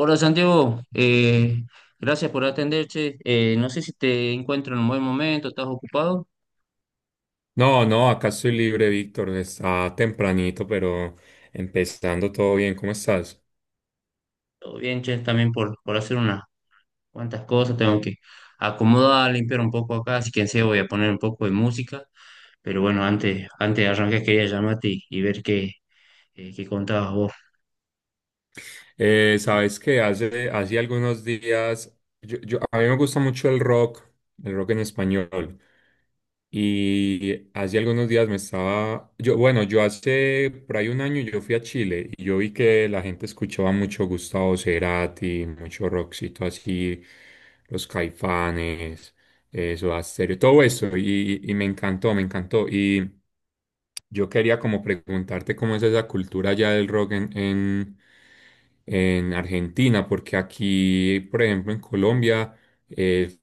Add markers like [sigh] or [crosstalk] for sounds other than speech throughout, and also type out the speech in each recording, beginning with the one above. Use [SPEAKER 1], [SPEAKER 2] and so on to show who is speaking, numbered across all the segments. [SPEAKER 1] Hola Santiago, gracias por atender, che. No sé si te encuentro en un buen momento, ¿estás ocupado?
[SPEAKER 2] No, no, acá estoy libre, Víctor. Está tempranito, pero empezando todo bien. ¿Cómo estás?
[SPEAKER 1] Todo bien, che, también por hacer unas cuantas cosas, tengo que acomodar, limpiar un poco acá, así que en serio voy a poner un poco de música, pero bueno, antes de arrancar quería llamarte y ver qué contabas vos.
[SPEAKER 2] Sabes que hace algunos días, a mí me gusta mucho el rock en español. Y hace algunos días me estaba, yo, bueno, yo hace por ahí un año yo fui a Chile y yo vi que la gente escuchaba mucho Gustavo Cerati, mucho rockcito así, los Caifanes, eso, Soda Stereo, todo eso y me encantó, me encantó. Y yo quería como preguntarte cómo es esa cultura ya del rock en Argentina, porque aquí, por ejemplo, en Colombia eh,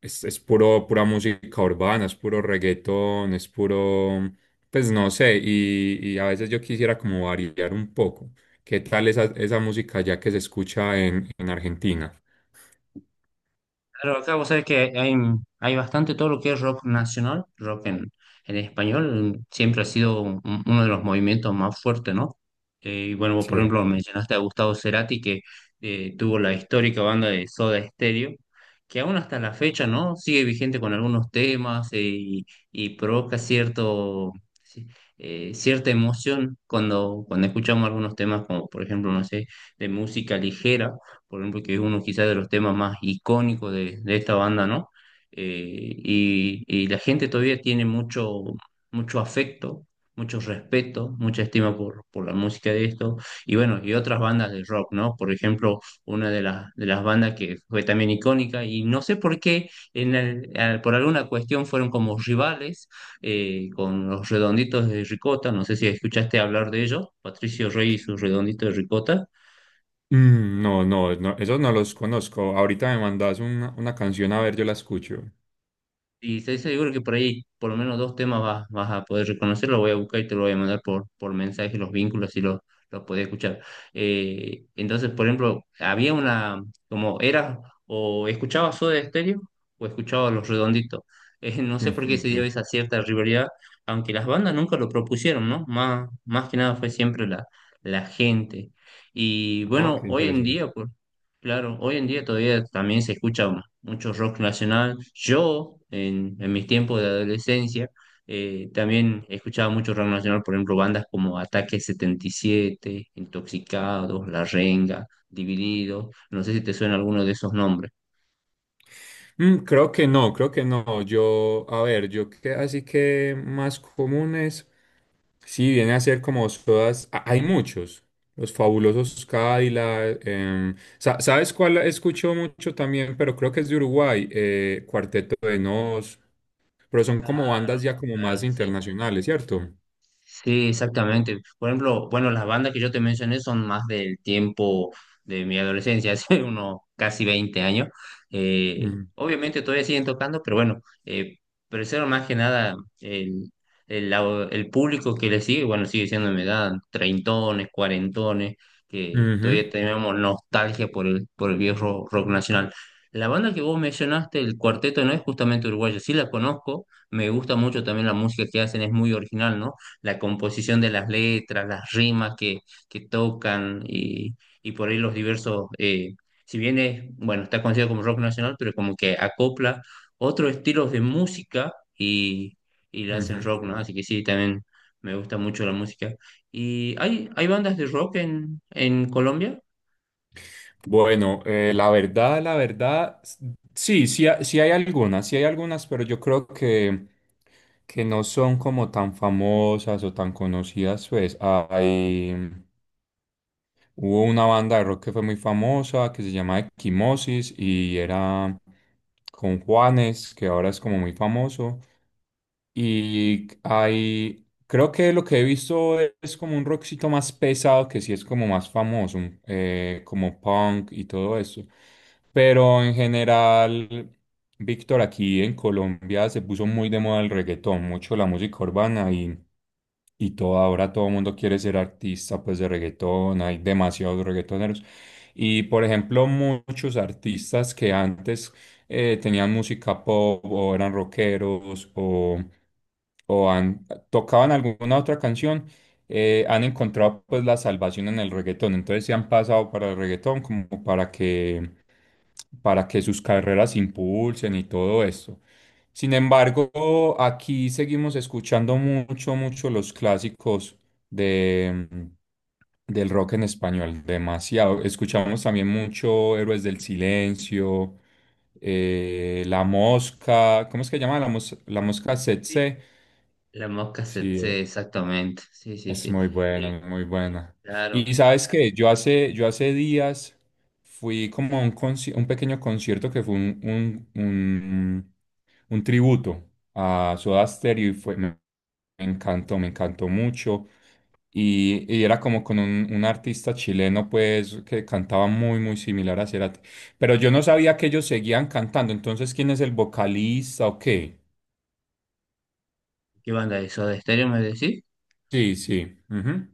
[SPEAKER 2] es puro, pura música urbana, es puro reggaetón, es puro, pues no sé, y a veces yo quisiera como variar un poco. ¿Qué tal esa, esa música ya que se escucha en Argentina?
[SPEAKER 1] Claro, acá vos sabés que hay bastante todo lo que es rock nacional, rock en español, siempre ha sido un- uno de los movimientos más fuertes, ¿no? Y bueno, vos, por
[SPEAKER 2] Sí.
[SPEAKER 1] ejemplo, mencionaste a Gustavo Cerati, que tuvo la histórica banda de Soda Stereo, que aún hasta la fecha, ¿no? Sigue vigente con algunos temas y provoca sí, cierta emoción cuando escuchamos algunos temas, como por ejemplo, no sé, de música ligera por ejemplo, que es uno quizás de los temas más icónicos de esta banda, ¿no? Y la gente todavía tiene mucho, mucho afecto, mucho respeto, mucha estima por la música de esto, y bueno, y otras bandas de rock, ¿no? Por ejemplo, una de de las bandas que fue también icónica, y no sé por qué, por alguna cuestión fueron como rivales con los redonditos de ricota, no sé si escuchaste hablar de ellos, Patricio Rey y sus redonditos de ricota.
[SPEAKER 2] Mm, no, no, no, esos no los conozco. Ahorita me mandas una canción a ver, yo la escucho.
[SPEAKER 1] Y estoy seguro que por ahí por lo menos dos temas vas a poder reconocer, lo voy a buscar y te lo voy a mandar por mensaje, los vínculos, si los, los podés escuchar. Entonces, por ejemplo, había una, como era, o escuchaba Soda Stereo o escuchaba Los Redonditos. [laughs] No sé por qué
[SPEAKER 2] Ujú.
[SPEAKER 1] se dio esa cierta rivalidad, aunque las bandas nunca lo propusieron, ¿no? Más que nada fue siempre la gente. Y
[SPEAKER 2] Ah,
[SPEAKER 1] bueno,
[SPEAKER 2] qué
[SPEAKER 1] hoy en
[SPEAKER 2] interesante.
[SPEAKER 1] día, pues, claro, hoy en día todavía también se escucha mucho rock nacional. Yo, en mis tiempos de adolescencia, también escuchaba mucho rock nacional, por ejemplo, bandas como Ataque 77, Intoxicados, La Renga, Divididos. No sé si te suena alguno de esos nombres.
[SPEAKER 2] Mm, creo que no, creo que no. Yo, a ver, yo que así que más comunes. Sí, viene a ser como todas, a- hay muchos, los fabulosos Cadillac, sa- ¿sabes cuál escucho mucho también? Pero creo que es de Uruguay, Cuarteto de Nos, pero son como bandas ya como más
[SPEAKER 1] Claro, sí.
[SPEAKER 2] internacionales, ¿cierto?
[SPEAKER 1] Sí, exactamente. Por ejemplo, bueno, las bandas que yo te mencioné son más del tiempo de mi adolescencia, [laughs] hace unos casi 20 años.
[SPEAKER 2] Mm,
[SPEAKER 1] Obviamente todavía siguen tocando, pero bueno, pero eso era más que nada el, el público que le sigue, bueno, sigue siendo de mi edad, treintones, cuarentones, que
[SPEAKER 2] ujú,
[SPEAKER 1] todavía tenemos nostalgia por el viejo rock nacional. La banda que vos mencionaste, el Cuarteto, no es justamente uruguayo, sí la conozco, me gusta mucho también la música que hacen, es muy original, ¿no? La composición de las letras, las rimas que tocan y por ahí los diversos, si bien es, bueno, está considerado como rock nacional, pero como que acopla otros estilos de música y, y le hacen
[SPEAKER 2] ujú.
[SPEAKER 1] rock, ¿no? Así que sí, también me gusta mucho la música. ¿Y hay bandas de rock en Colombia?
[SPEAKER 2] Bueno, la verdad, s- sí, sí, ha- sí hay algunas, pero yo creo que no son como tan famosas o tan conocidas, pues hay... Hubo una banda de rock que fue muy famosa que se llama Equimosis y era con Juanes, que ahora es como muy famoso. Y hay, creo que lo que he visto es como un rockcito más pesado, que sí es como más famoso, mm, como punk y todo eso. Pero en general, Víctor, aquí en Colombia se puso muy de moda el reggaetón, mucho la música urbana y todo, ahora todo el mundo quiere ser artista pues de reggaetón, hay demasiados reggaetoneros. Y por ejemplo, muchos artistas que antes tenían música pop o eran rockeros o han- tocaban alguna otra canción, han encontrado pues la salvación en el reggaetón. Entonces se han pasado para el reggaetón como para que sus carreras se impulsen y todo esto. Sin embargo, aquí seguimos escuchando mucho, mucho los clásicos de, mm, del rock en español, demasiado. Escuchamos también mucho Héroes del Silencio, La Mosca, ¿cómo es que llama? La, mos- la Mosca
[SPEAKER 1] Sí.
[SPEAKER 2] Tsetse.
[SPEAKER 1] La Mosca
[SPEAKER 2] Sí,
[SPEAKER 1] exactamente, sí, sí,
[SPEAKER 2] es
[SPEAKER 1] sí.
[SPEAKER 2] muy bueno,
[SPEAKER 1] Eh,
[SPEAKER 2] muy buena. Y
[SPEAKER 1] claro.
[SPEAKER 2] sabes que yo hace días fui como a un, conci- un pequeño concierto que fue un tributo a Soda Stereo y fue, me, me encantó mucho. Y era como con un artista chileno, pues, que cantaba muy, muy similar a Cerati. Pero yo no sabía que ellos seguían cantando. Entonces, ¿quién es el vocalista o qué?
[SPEAKER 1] ¿Qué banda es? ¿Soda Stereo me decís?
[SPEAKER 2] Sí, sí. Ujú.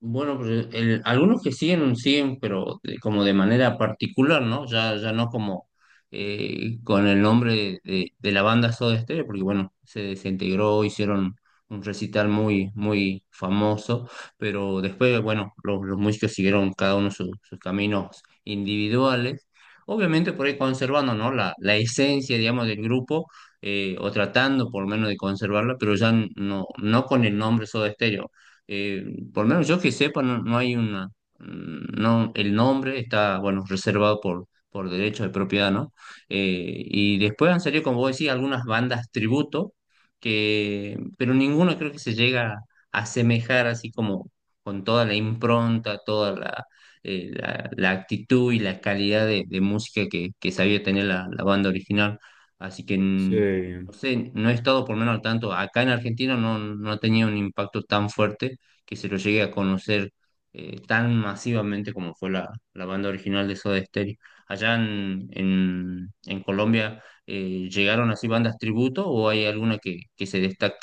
[SPEAKER 1] Bueno, pues algunos que siguen, siguen, pero como de manera particular, ¿no? Ya no como con el nombre de la banda Soda Stereo, porque bueno, se desintegró, hicieron un recital muy, muy famoso, pero después, bueno, los músicos siguieron cada uno sus caminos individuales, obviamente por ahí conservando, ¿no? La esencia, digamos, del grupo, o tratando por lo menos de conservarla, pero ya no, no con el nombre Soda Stereo. eh, por lo menos yo que sepa, no, no hay una, mm, no, el nombre está, bueno, reservado por derecho de propiedad, ¿no? Y después han salido, como vos decís, algunas bandas tributo, que, pero ninguno creo que se llega a asemejar así como con toda la impronta, la actitud y la calidad de música que sabía tener la banda original. Así que... mm, no
[SPEAKER 2] Sí.
[SPEAKER 1] sé, no he estado por lo menos al tanto. Acá en Argentina no, no ha tenido un impacto tan fuerte que se lo llegue a conocer tan masivamente como fue la banda original de Soda Stereo. ¿Allá en Colombia llegaron así bandas tributo o hay alguna que se destaque?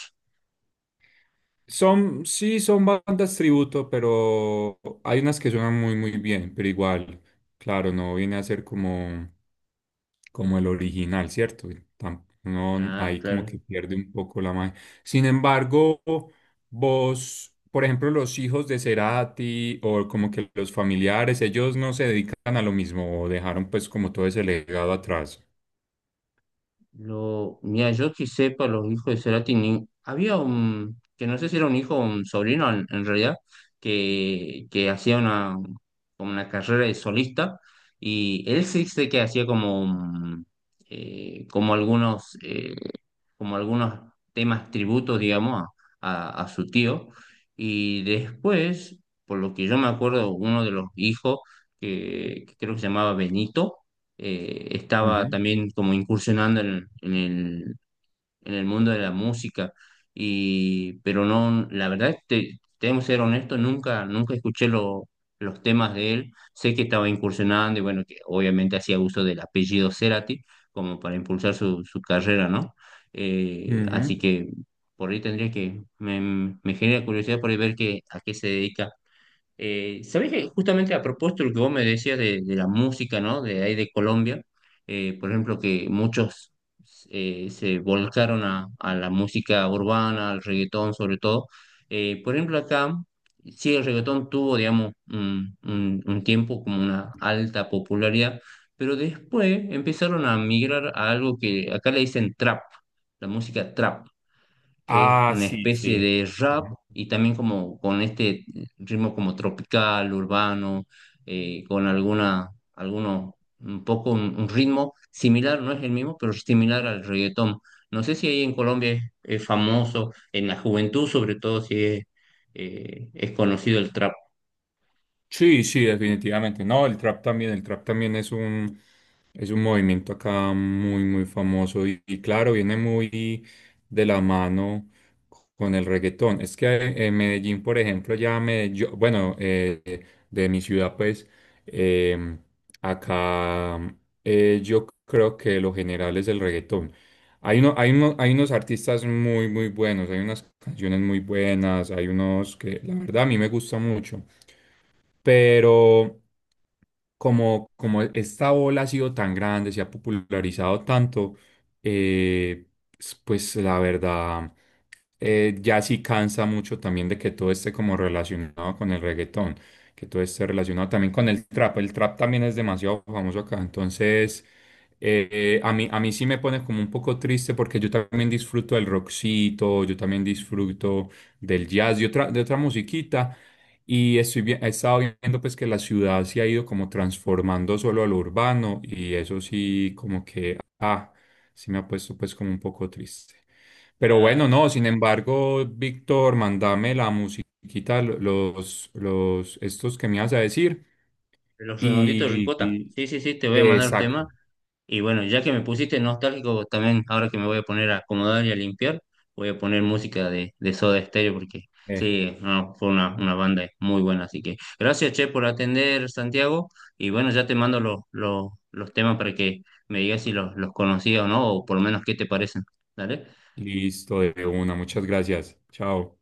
[SPEAKER 2] Son, sí, son bandas tributo, pero hay unas que suenan muy, muy bien, pero igual, claro, no viene a ser como, como el original, ¿cierto? Tam- No,
[SPEAKER 1] Claro,
[SPEAKER 2] ahí como
[SPEAKER 1] claro.
[SPEAKER 2] que pierde un poco la magia. Sin embargo, vos, por ejemplo, los hijos de Cerati o como que los familiares, ellos no se dedican a lo mismo o dejaron pues como todo ese legado atrás.
[SPEAKER 1] Lo, mira, yo que sepa, los hijos de Cerati, había un, que no sé si era un hijo o un sobrino en realidad, que hacía una, como una carrera de solista, y él sí sé que hacía como, un, eh, como algunos, eh, como algunos temas tributos, digamos, a, a su tío, y después, por lo que yo me acuerdo, uno de los hijos, que creo que se llamaba Benito, estaba
[SPEAKER 2] Ujú,
[SPEAKER 1] también como incursionando en el mundo de la música, y, pero no, la verdad, es que tenemos que ser honestos, nunca escuché los temas de él, sé que estaba incursionando y bueno, que obviamente hacía uso del apellido Cerati como para impulsar su carrera, ¿no? Así
[SPEAKER 2] ujú.
[SPEAKER 1] que por ahí tendría que, me genera curiosidad por ahí ver que, a qué se dedica. ¿Sabés que justamente a propósito de lo que vos me decías de la música, ¿no? De ahí de Colombia, por ejemplo, que muchos se volcaron a la música urbana, al reggaetón sobre todo. Por ejemplo, acá, sí, el reggaetón tuvo, digamos, un tiempo como una alta popularidad, pero después empezaron a migrar a algo que acá le dicen trap, la música trap, que es
[SPEAKER 2] Ah,
[SPEAKER 1] una
[SPEAKER 2] sí,
[SPEAKER 1] especie
[SPEAKER 2] sí.
[SPEAKER 1] de rap y también como con este ritmo como tropical, urbano, con alguna, alguno, un poco un ritmo similar, no es el mismo, pero similar al reggaetón. No sé si ahí en Colombia es famoso, en la juventud sobre todo si es, es conocido el trap.
[SPEAKER 2] Sí, sí, definitivamente. No, el trap también es un movimiento acá muy, muy famoso y claro, viene muy de la mano con el reggaetón. Es que en Medellín, por ejemplo, ya me, yo- bueno, de mi ciudad, pues, eh, acá yo creo que lo general es el reggaetón. Hay uno, hay uno- hay unos artistas muy, muy buenos, hay unas canciones muy buenas, hay unos que la verdad a mí me gusta mucho pero como, como esta ola ha sido tan grande, se ha popularizado tanto, eh, s- pues la verdad, ya sí cansa mucho también de que todo esté como relacionado con el reggaetón, que todo esté relacionado también con el trap. El trap también es demasiado famoso acá, entonces a mí sí me pone como un poco triste porque yo también disfruto del rockcito, yo también disfruto del jazz y otra, de otra musiquita. Y estoy bien, he estado viendo pues que la ciudad se ha ido como transformando solo a lo urbano y eso sí como que, ah, sí me ha puesto pues como un poco triste. Pero
[SPEAKER 1] Ah,
[SPEAKER 2] bueno, no,
[SPEAKER 1] sí,
[SPEAKER 2] sin
[SPEAKER 1] sí.
[SPEAKER 2] embargo, Víctor, mandame la musiquita, lo- los, estos que me ibas a decir
[SPEAKER 1] Los redonditos de
[SPEAKER 2] y,
[SPEAKER 1] ricota.
[SPEAKER 2] y-
[SPEAKER 1] Sí, sí, sí, te voy a mandar un
[SPEAKER 2] exacto,
[SPEAKER 1] tema. Y bueno, ya que me pusiste nostálgico, también ahora que me voy a poner a acomodar y a limpiar, voy a poner música de Soda Stereo porque
[SPEAKER 2] eh,
[SPEAKER 1] sí, no, fue una banda muy buena. Así que gracias, Che, por atender, Santiago. Y bueno, ya te mando los temas para que me digas si los, los conocías o no, o por lo menos qué te parecen. ¿Dale?
[SPEAKER 2] listo, de una, muchas gracias, chao.